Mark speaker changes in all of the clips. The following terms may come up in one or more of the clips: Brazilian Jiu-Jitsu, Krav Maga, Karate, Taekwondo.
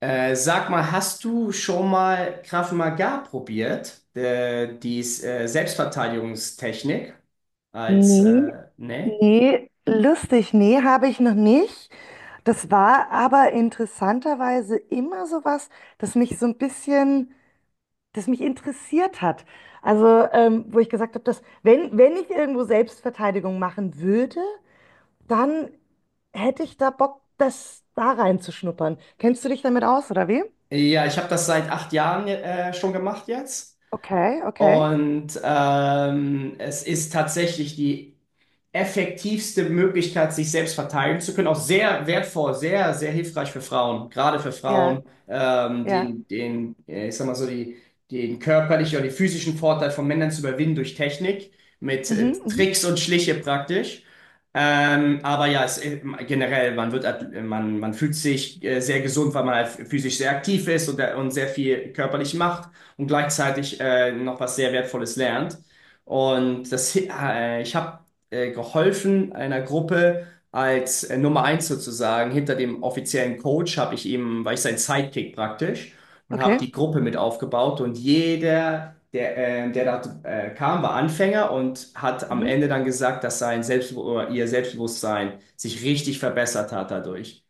Speaker 1: Sag mal, hast du schon mal Krav Maga probiert? Die Selbstverteidigungstechnik
Speaker 2: Nee,
Speaker 1: ne?
Speaker 2: nee, lustig, nee, habe ich noch nicht. Das war aber interessanterweise immer so was, das mich so ein bisschen, das mich interessiert hat. Also, wo ich gesagt habe, dass wenn ich irgendwo Selbstverteidigung machen würde, dann hätte ich da Bock, das da reinzuschnuppern. Kennst du dich damit aus, oder wie?
Speaker 1: Ja, ich habe das seit 8 Jahren schon gemacht jetzt.
Speaker 2: Okay, okay.
Speaker 1: Und es ist tatsächlich die effektivste Möglichkeit, sich selbst verteidigen zu können. Auch sehr wertvoll, sehr, sehr hilfreich für Frauen, gerade für
Speaker 2: Ja,
Speaker 1: Frauen,
Speaker 2: ja.
Speaker 1: ich sag mal so, den körperlichen oder den physischen Vorteil von Männern zu überwinden durch Technik, mit
Speaker 2: Mhm, mhm.
Speaker 1: Tricks und Schliche praktisch. Aber ja, generell, man, man fühlt sich sehr gesund, weil man halt physisch sehr aktiv ist und sehr viel körperlich macht und gleichzeitig noch was sehr Wertvolles lernt. Und ich habe geholfen einer Gruppe als Nummer eins sozusagen. Hinter dem offiziellen Coach habe ich ihm, war ich sein Sidekick praktisch und habe
Speaker 2: Okay.
Speaker 1: die Gruppe mit aufgebaut, und jeder, der da kam, war Anfänger und hat am
Speaker 2: Mhm.
Speaker 1: Ende dann gesagt, dass sein Selbstbewusst oder ihr Selbstbewusstsein sich richtig verbessert hat dadurch.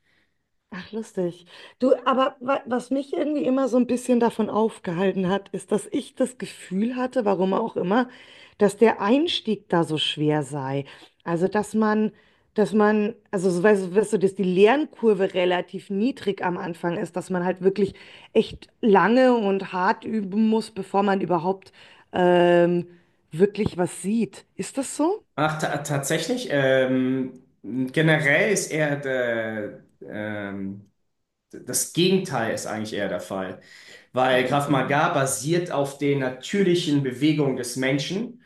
Speaker 2: Ach, lustig. Du, aber wa was mich irgendwie immer so ein bisschen davon aufgehalten hat, ist, dass ich das Gefühl hatte, warum auch immer, dass der Einstieg da so schwer sei. Also, dass man, also, so, weißt du, dass die Lernkurve relativ niedrig am Anfang ist, dass man halt wirklich echt lange und hart üben muss, bevor man überhaupt ähm, wirklich was sieht. Ist das so?
Speaker 1: Ach, ta tatsächlich, generell ist eher das Gegenteil ist eigentlich eher der Fall,
Speaker 2: Ach,
Speaker 1: weil Krav
Speaker 2: interessant.
Speaker 1: Maga basiert auf den natürlichen Bewegungen des Menschen.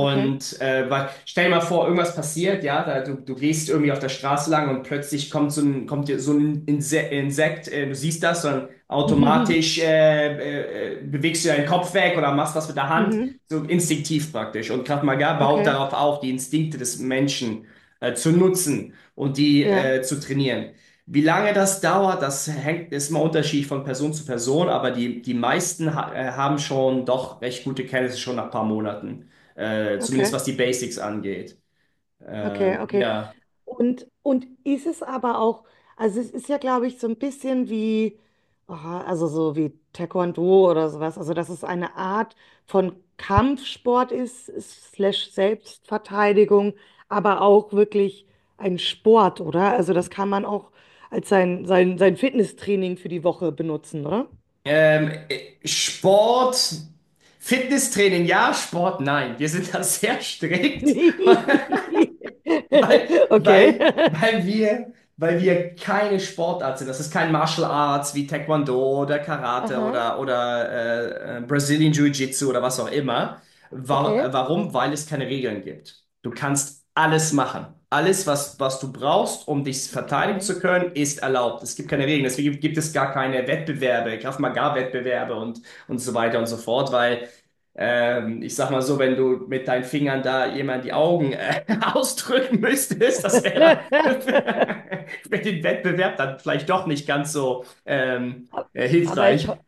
Speaker 2: Okay.
Speaker 1: weil, stell dir mal vor, irgendwas passiert, ja, da, du gehst irgendwie auf der Straße lang und plötzlich kommt so ein, kommt dir so ein Insekt, du siehst das, dann automatisch bewegst du deinen Kopf weg oder machst was mit der Hand,
Speaker 2: Mhm.
Speaker 1: so instinktiv praktisch. Und Krav Maga baut
Speaker 2: Okay.
Speaker 1: darauf auf, die Instinkte des Menschen zu nutzen und die
Speaker 2: Ja.
Speaker 1: zu trainieren. Wie lange das dauert, das hängt, ist mal unterschiedlich von Person zu Person, aber die meisten ha haben schon doch recht gute Kenntnisse schon nach ein paar Monaten. Zumindest
Speaker 2: Okay.
Speaker 1: was die Basics angeht.
Speaker 2: Okay,
Speaker 1: Ähm,
Speaker 2: okay.
Speaker 1: ja.
Speaker 2: Und ist es aber auch, also es ist ja, glaube ich, so ein bisschen wie, aha, also so wie Taekwondo oder sowas, also dass es eine Art von Kampfsport ist, slash Selbstverteidigung, aber auch wirklich ein Sport, oder? Also das kann man auch als sein Fitnesstraining für die Woche benutzen, oder?
Speaker 1: Sport, Fitnesstraining, ja, Sport, nein. Wir sind da sehr strikt. Weil,
Speaker 2: Okay.
Speaker 1: weil wir keine Sportart sind. Das ist kein Martial Arts wie Taekwondo oder Karate
Speaker 2: Aha,
Speaker 1: oder Brazilian Jiu-Jitsu oder was auch immer. Wa-
Speaker 2: okay.
Speaker 1: äh, warum? Weil es keine Regeln gibt. Du kannst alles machen. Alles, was du brauchst, um dich verteidigen
Speaker 2: Okay.
Speaker 1: zu können, ist erlaubt. Es gibt keine Regeln. Deswegen gibt es gar keine Wettbewerbe, Krav Maga-Wettbewerbe und so weiter und so fort, weil ich sag mal so, wenn du mit deinen Fingern da jemand die Augen ausdrücken müsstest, das wäre dann für den Wettbewerb dann vielleicht doch nicht ganz so
Speaker 2: A- Aber
Speaker 1: hilfreich.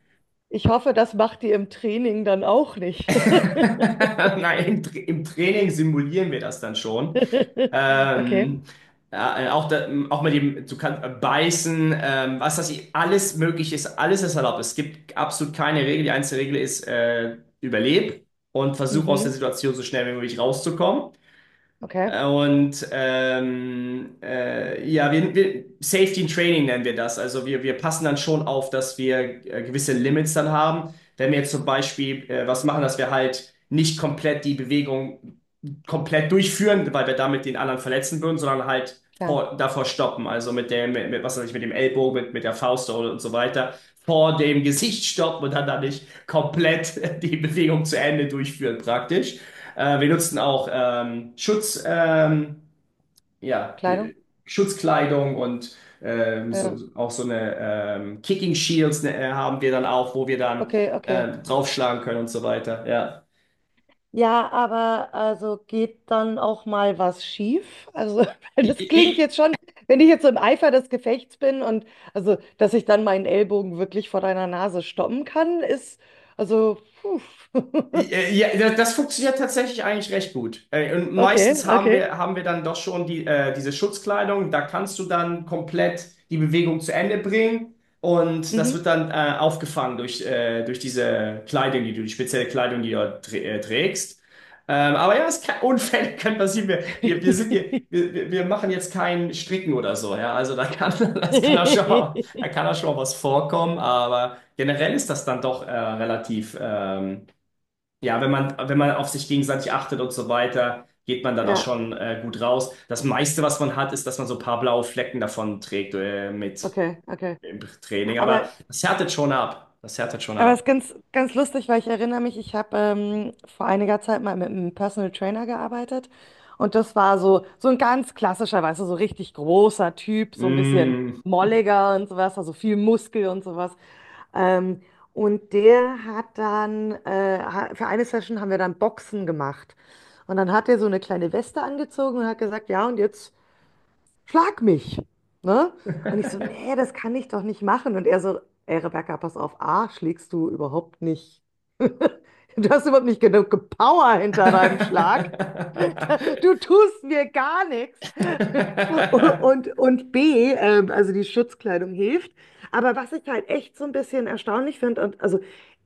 Speaker 2: ich hoffe, das macht die im Training dann auch nicht.
Speaker 1: Nein, im Training simulieren wir das dann schon.
Speaker 2: Okay.
Speaker 1: Ähm, ja, auch, da, auch mit dem, du kannst beißen, was das alles möglich ist, alles ist erlaubt. Es gibt absolut keine Regel. Die einzige Regel ist, überleb und versuch aus der
Speaker 2: Mhm.
Speaker 1: Situation so schnell wie möglich rauszukommen.
Speaker 2: Okay,
Speaker 1: Und ja, Safety in Training nennen wir das. Also wir passen dann schon auf, dass wir gewisse Limits dann haben. Wenn wir jetzt zum Beispiel was machen, dass wir halt nicht komplett die Bewegung komplett durchführen, weil wir damit den anderen verletzen würden, sondern halt
Speaker 2: klar.
Speaker 1: vor, davor stoppen. Also mit dem, mit, was weiß ich, mit dem Ellbogen, mit der Faust und so weiter, vor dem Gesicht stoppen und dann nicht komplett die Bewegung zu Ende durchführen, praktisch. Wir nutzten auch ja,
Speaker 2: Kleidung.
Speaker 1: Be- Schutzkleidung und so,
Speaker 2: Ja.
Speaker 1: auch so eine Kicking Shields ne, haben wir dann auch, wo wir dann
Speaker 2: Okay, okay.
Speaker 1: draufschlagen können und so weiter. Ja.
Speaker 2: Ja, aber also geht dann auch mal was schief? Also, weil
Speaker 1: I-
Speaker 2: das klingt
Speaker 1: i-
Speaker 2: jetzt schon, wenn ich jetzt so im Eifer des Gefechts bin und also, dass ich dann meinen Ellbogen wirklich vor deiner Nase stoppen kann, ist also, puh.
Speaker 1: das funktioniert tatsächlich eigentlich recht gut. Äh, Und
Speaker 2: Okay,
Speaker 1: meistens haben
Speaker 2: okay.
Speaker 1: wir, haben wir dann doch schon diese Schutzkleidung. Da kannst du dann komplett die Bewegung zu Ende bringen. Und das
Speaker 2: Mhm.
Speaker 1: wird dann aufgefangen durch diese Kleidung, die du, die spezielle Kleidung, die du dort trägst. Aber ja, es kann, Unfälle können passieren. Wir sind hier, wir machen jetzt kein Stricken oder so. Ja? Also da kann, das kann auch schon mal, da kann auch schon mal was vorkommen. Aber generell ist das dann doch relativ. Ja, wenn man, wenn man auf sich gegenseitig achtet und so weiter, geht man dann auch
Speaker 2: Ja,
Speaker 1: schon gut raus. Das meiste, was man hat, ist, dass man so ein paar blaue Flecken davon trägt mit
Speaker 2: okay, okay.
Speaker 1: im Training. Aber
Speaker 2: Aber,
Speaker 1: das härtet schon ab. Das härtet schon
Speaker 2: aber
Speaker 1: ab.
Speaker 2: es ist ganz, ganz lustig, weil ich erinnere mich, ich habe vor einiger Zeit mal mit einem Personal Trainer gearbeitet, und das war so, so ein ganz klassischer, weißt du, so richtig großer Typ, so ein bisschen
Speaker 1: Mm.
Speaker 2: molliger und sowas, also viel Muskel und sowas. Ähm, und der hat dann, für eine Session haben wir dann Boxen gemacht. Und dann hat er so eine kleine Weste angezogen und hat gesagt, ja, und jetzt schlag mich. Ne? Und ich so, nee, das kann ich doch nicht machen. Und er so, ey Rebecca, pass auf, A, schlägst du überhaupt nicht. Du hast überhaupt nicht genug Power hinter deinem Schlag. Du tust mir gar nichts. Und B, also die Schutzkleidung hilft. Aber was ich halt echt so ein bisschen erstaunlich finde, und also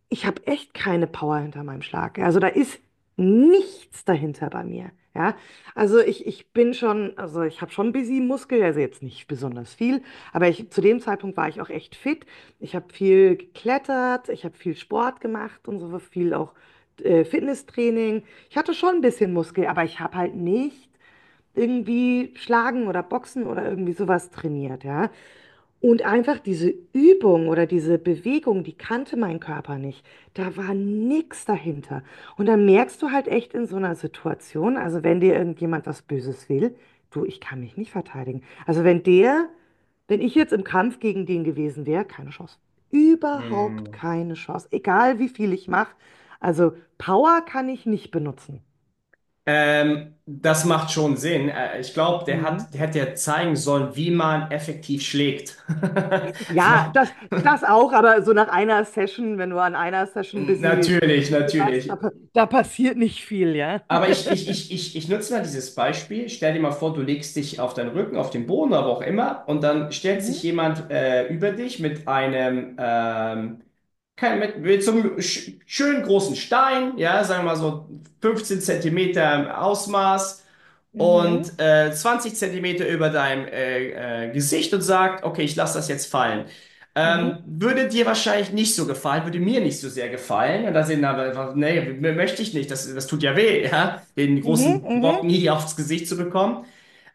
Speaker 2: ich habe echt keine Power hinter meinem Schlag. Ja, also da ist nichts dahinter bei mir. Ja, also ich bin schon, also ich habe schon busy Muskel, also jetzt nicht besonders viel, aber ich, zu dem Zeitpunkt war ich auch echt fit. Ich habe viel geklettert, ich habe viel Sport gemacht und so viel auch Fitnesstraining. Ich hatte schon ein bisschen Muskel, aber ich habe halt nicht irgendwie Schlagen oder Boxen oder irgendwie sowas trainiert, ja. Und einfach diese Übung oder diese Bewegung, die kannte mein Körper nicht. Da war nichts dahinter. Und dann merkst du halt echt in so einer Situation, also wenn dir irgendjemand was Böses will, du, ich kann mich nicht verteidigen. Also wenn ich jetzt im Kampf gegen den gewesen wäre, keine Chance. Überhaupt
Speaker 1: Mm.
Speaker 2: keine Chance. Egal wie viel ich mache. Also Power kann ich nicht benutzen.
Speaker 1: Das macht schon Sinn. Ich glaube,
Speaker 2: Hm.
Speaker 1: der hätte ja zeigen sollen, wie man effektiv schlägt.
Speaker 2: Ja, das auch, aber so nach einer Session, wenn du an einer
Speaker 1: Natürlich,
Speaker 2: busy warst,
Speaker 1: natürlich.
Speaker 2: da passiert nicht viel, ja.
Speaker 1: Aber ich nutze mal dieses Beispiel. Stell dir mal vor, du legst dich auf deinen Rücken, auf den Boden, aber auch immer, und dann stellt sich
Speaker 2: Mhm,
Speaker 1: jemand über dich mit mit so einem schönen großen Stein, ja, sagen wir mal so 15 Zentimeter im Ausmaß,
Speaker 2: mhm,
Speaker 1: und 20 Zentimeter über deinem Gesicht und sagt, okay, ich lasse das jetzt fallen.
Speaker 2: mhm,
Speaker 1: Würde dir wahrscheinlich nicht so gefallen, würde mir nicht so sehr gefallen. Und da sind aber einfach, nee, möchte ich nicht, das tut ja weh, ja? Den
Speaker 2: mhm,
Speaker 1: großen Brocken
Speaker 2: mhm,
Speaker 1: hier aufs Gesicht zu bekommen.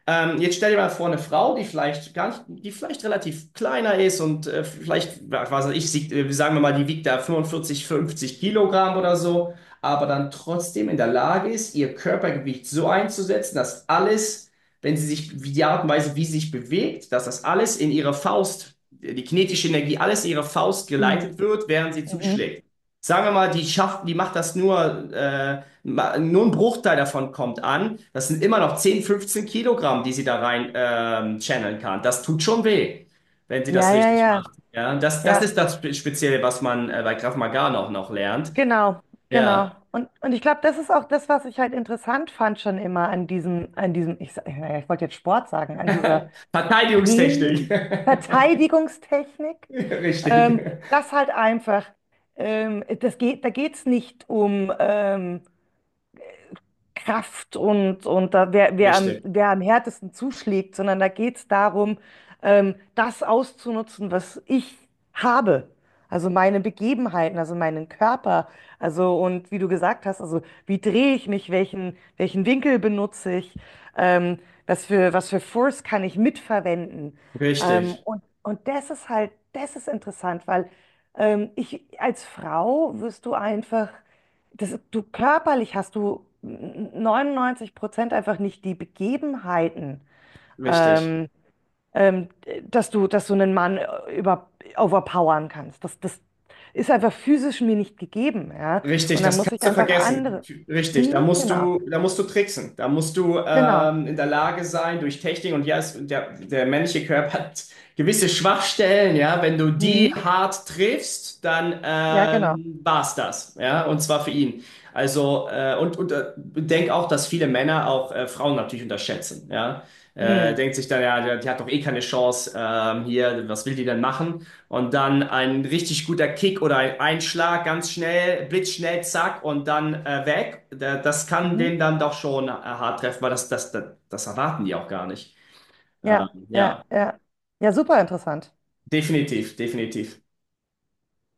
Speaker 1: Jetzt stell dir mal vor, eine Frau, die vielleicht gar nicht, die vielleicht relativ kleiner ist und vielleicht, was weiß ich, sagen wir mal, die wiegt da 45, 50 Kilogramm oder so, aber dann trotzdem in der Lage ist, ihr Körpergewicht so einzusetzen, dass alles, wenn sie sich, wie die Art und Weise, wie sie sich bewegt, dass das alles in ihre Faust, die kinetische Energie, alles in ihre Faust
Speaker 2: mhm.
Speaker 1: geleitet wird, während sie
Speaker 2: Mhm.
Speaker 1: zuschlägt. Sagen wir mal, die schafft, die macht das nur nur ein Bruchteil davon kommt an. Das sind immer noch 10, 15 Kilogramm, die sie da rein channeln kann. Das tut schon weh, wenn sie
Speaker 2: Ja,
Speaker 1: das
Speaker 2: ja,
Speaker 1: richtig
Speaker 2: ja,
Speaker 1: macht. Ja, das
Speaker 2: ja,
Speaker 1: ist das Spezielle, was man bei Krav Maga noch, noch lernt.
Speaker 2: genau,
Speaker 1: Ja.
Speaker 2: genau. Und ich glaube, das ist auch das, was ich halt interessant fand schon immer an naja, ich wollte jetzt Sport sagen, an dieser
Speaker 1: Verteidigungstechnik.
Speaker 2: Training, Verteidigungstechnik, ähm,
Speaker 1: Richtig.
Speaker 2: das halt einfach, da geht es nicht um, Kraft und da, wer,
Speaker 1: Richtig.
Speaker 2: wer am härtesten zuschlägt, sondern da geht es darum, das auszunutzen, was ich habe. Also meine Begebenheiten, also meinen Körper, also und wie du gesagt hast, also wie drehe ich mich, welchen Winkel benutze ich, ähm, was für Force kann ich mitverwenden.
Speaker 1: Richtig.
Speaker 2: Und das ist halt, das ist interessant, weil ich als Frau wirst du einfach das, du körperlich hast du 99% einfach nicht die Begebenheiten,
Speaker 1: Richtig.
Speaker 2: ähm, ähm, dass du einen Mann overpowern kannst. Das ist einfach physisch mir nicht gegeben, ja.
Speaker 1: Richtig,
Speaker 2: Und dann
Speaker 1: das
Speaker 2: muss ich
Speaker 1: kannst du
Speaker 2: einfach
Speaker 1: vergessen.
Speaker 2: andere.
Speaker 1: Richtig,
Speaker 2: Mhm, genau,
Speaker 1: da musst du tricksen. Da musst du
Speaker 2: genau.
Speaker 1: in der Lage sein, durch Technik und ja, es, der männliche Körper hat gewisse Schwachstellen, ja. Wenn du die
Speaker 2: Mhm,
Speaker 1: hart triffst, dann
Speaker 2: ja, genau.
Speaker 1: war's das, ja. Und zwar für ihn. Also und denk auch, dass viele Männer auch Frauen natürlich unterschätzen, ja. Äh,
Speaker 2: Mhm.
Speaker 1: denkt sich dann, ja, die hat doch eh keine Chance hier, was will die denn machen? Und dann ein richtig guter Kick oder ein Einschlag, ganz schnell, blitzschnell, zack, und dann weg. Das kann
Speaker 2: Mhm.
Speaker 1: den dann doch schon hart treffen, weil das erwarten die auch gar nicht. Ähm,
Speaker 2: Ja, ja,
Speaker 1: ja,
Speaker 2: ja. Ja, super interessant.
Speaker 1: definitiv, definitiv.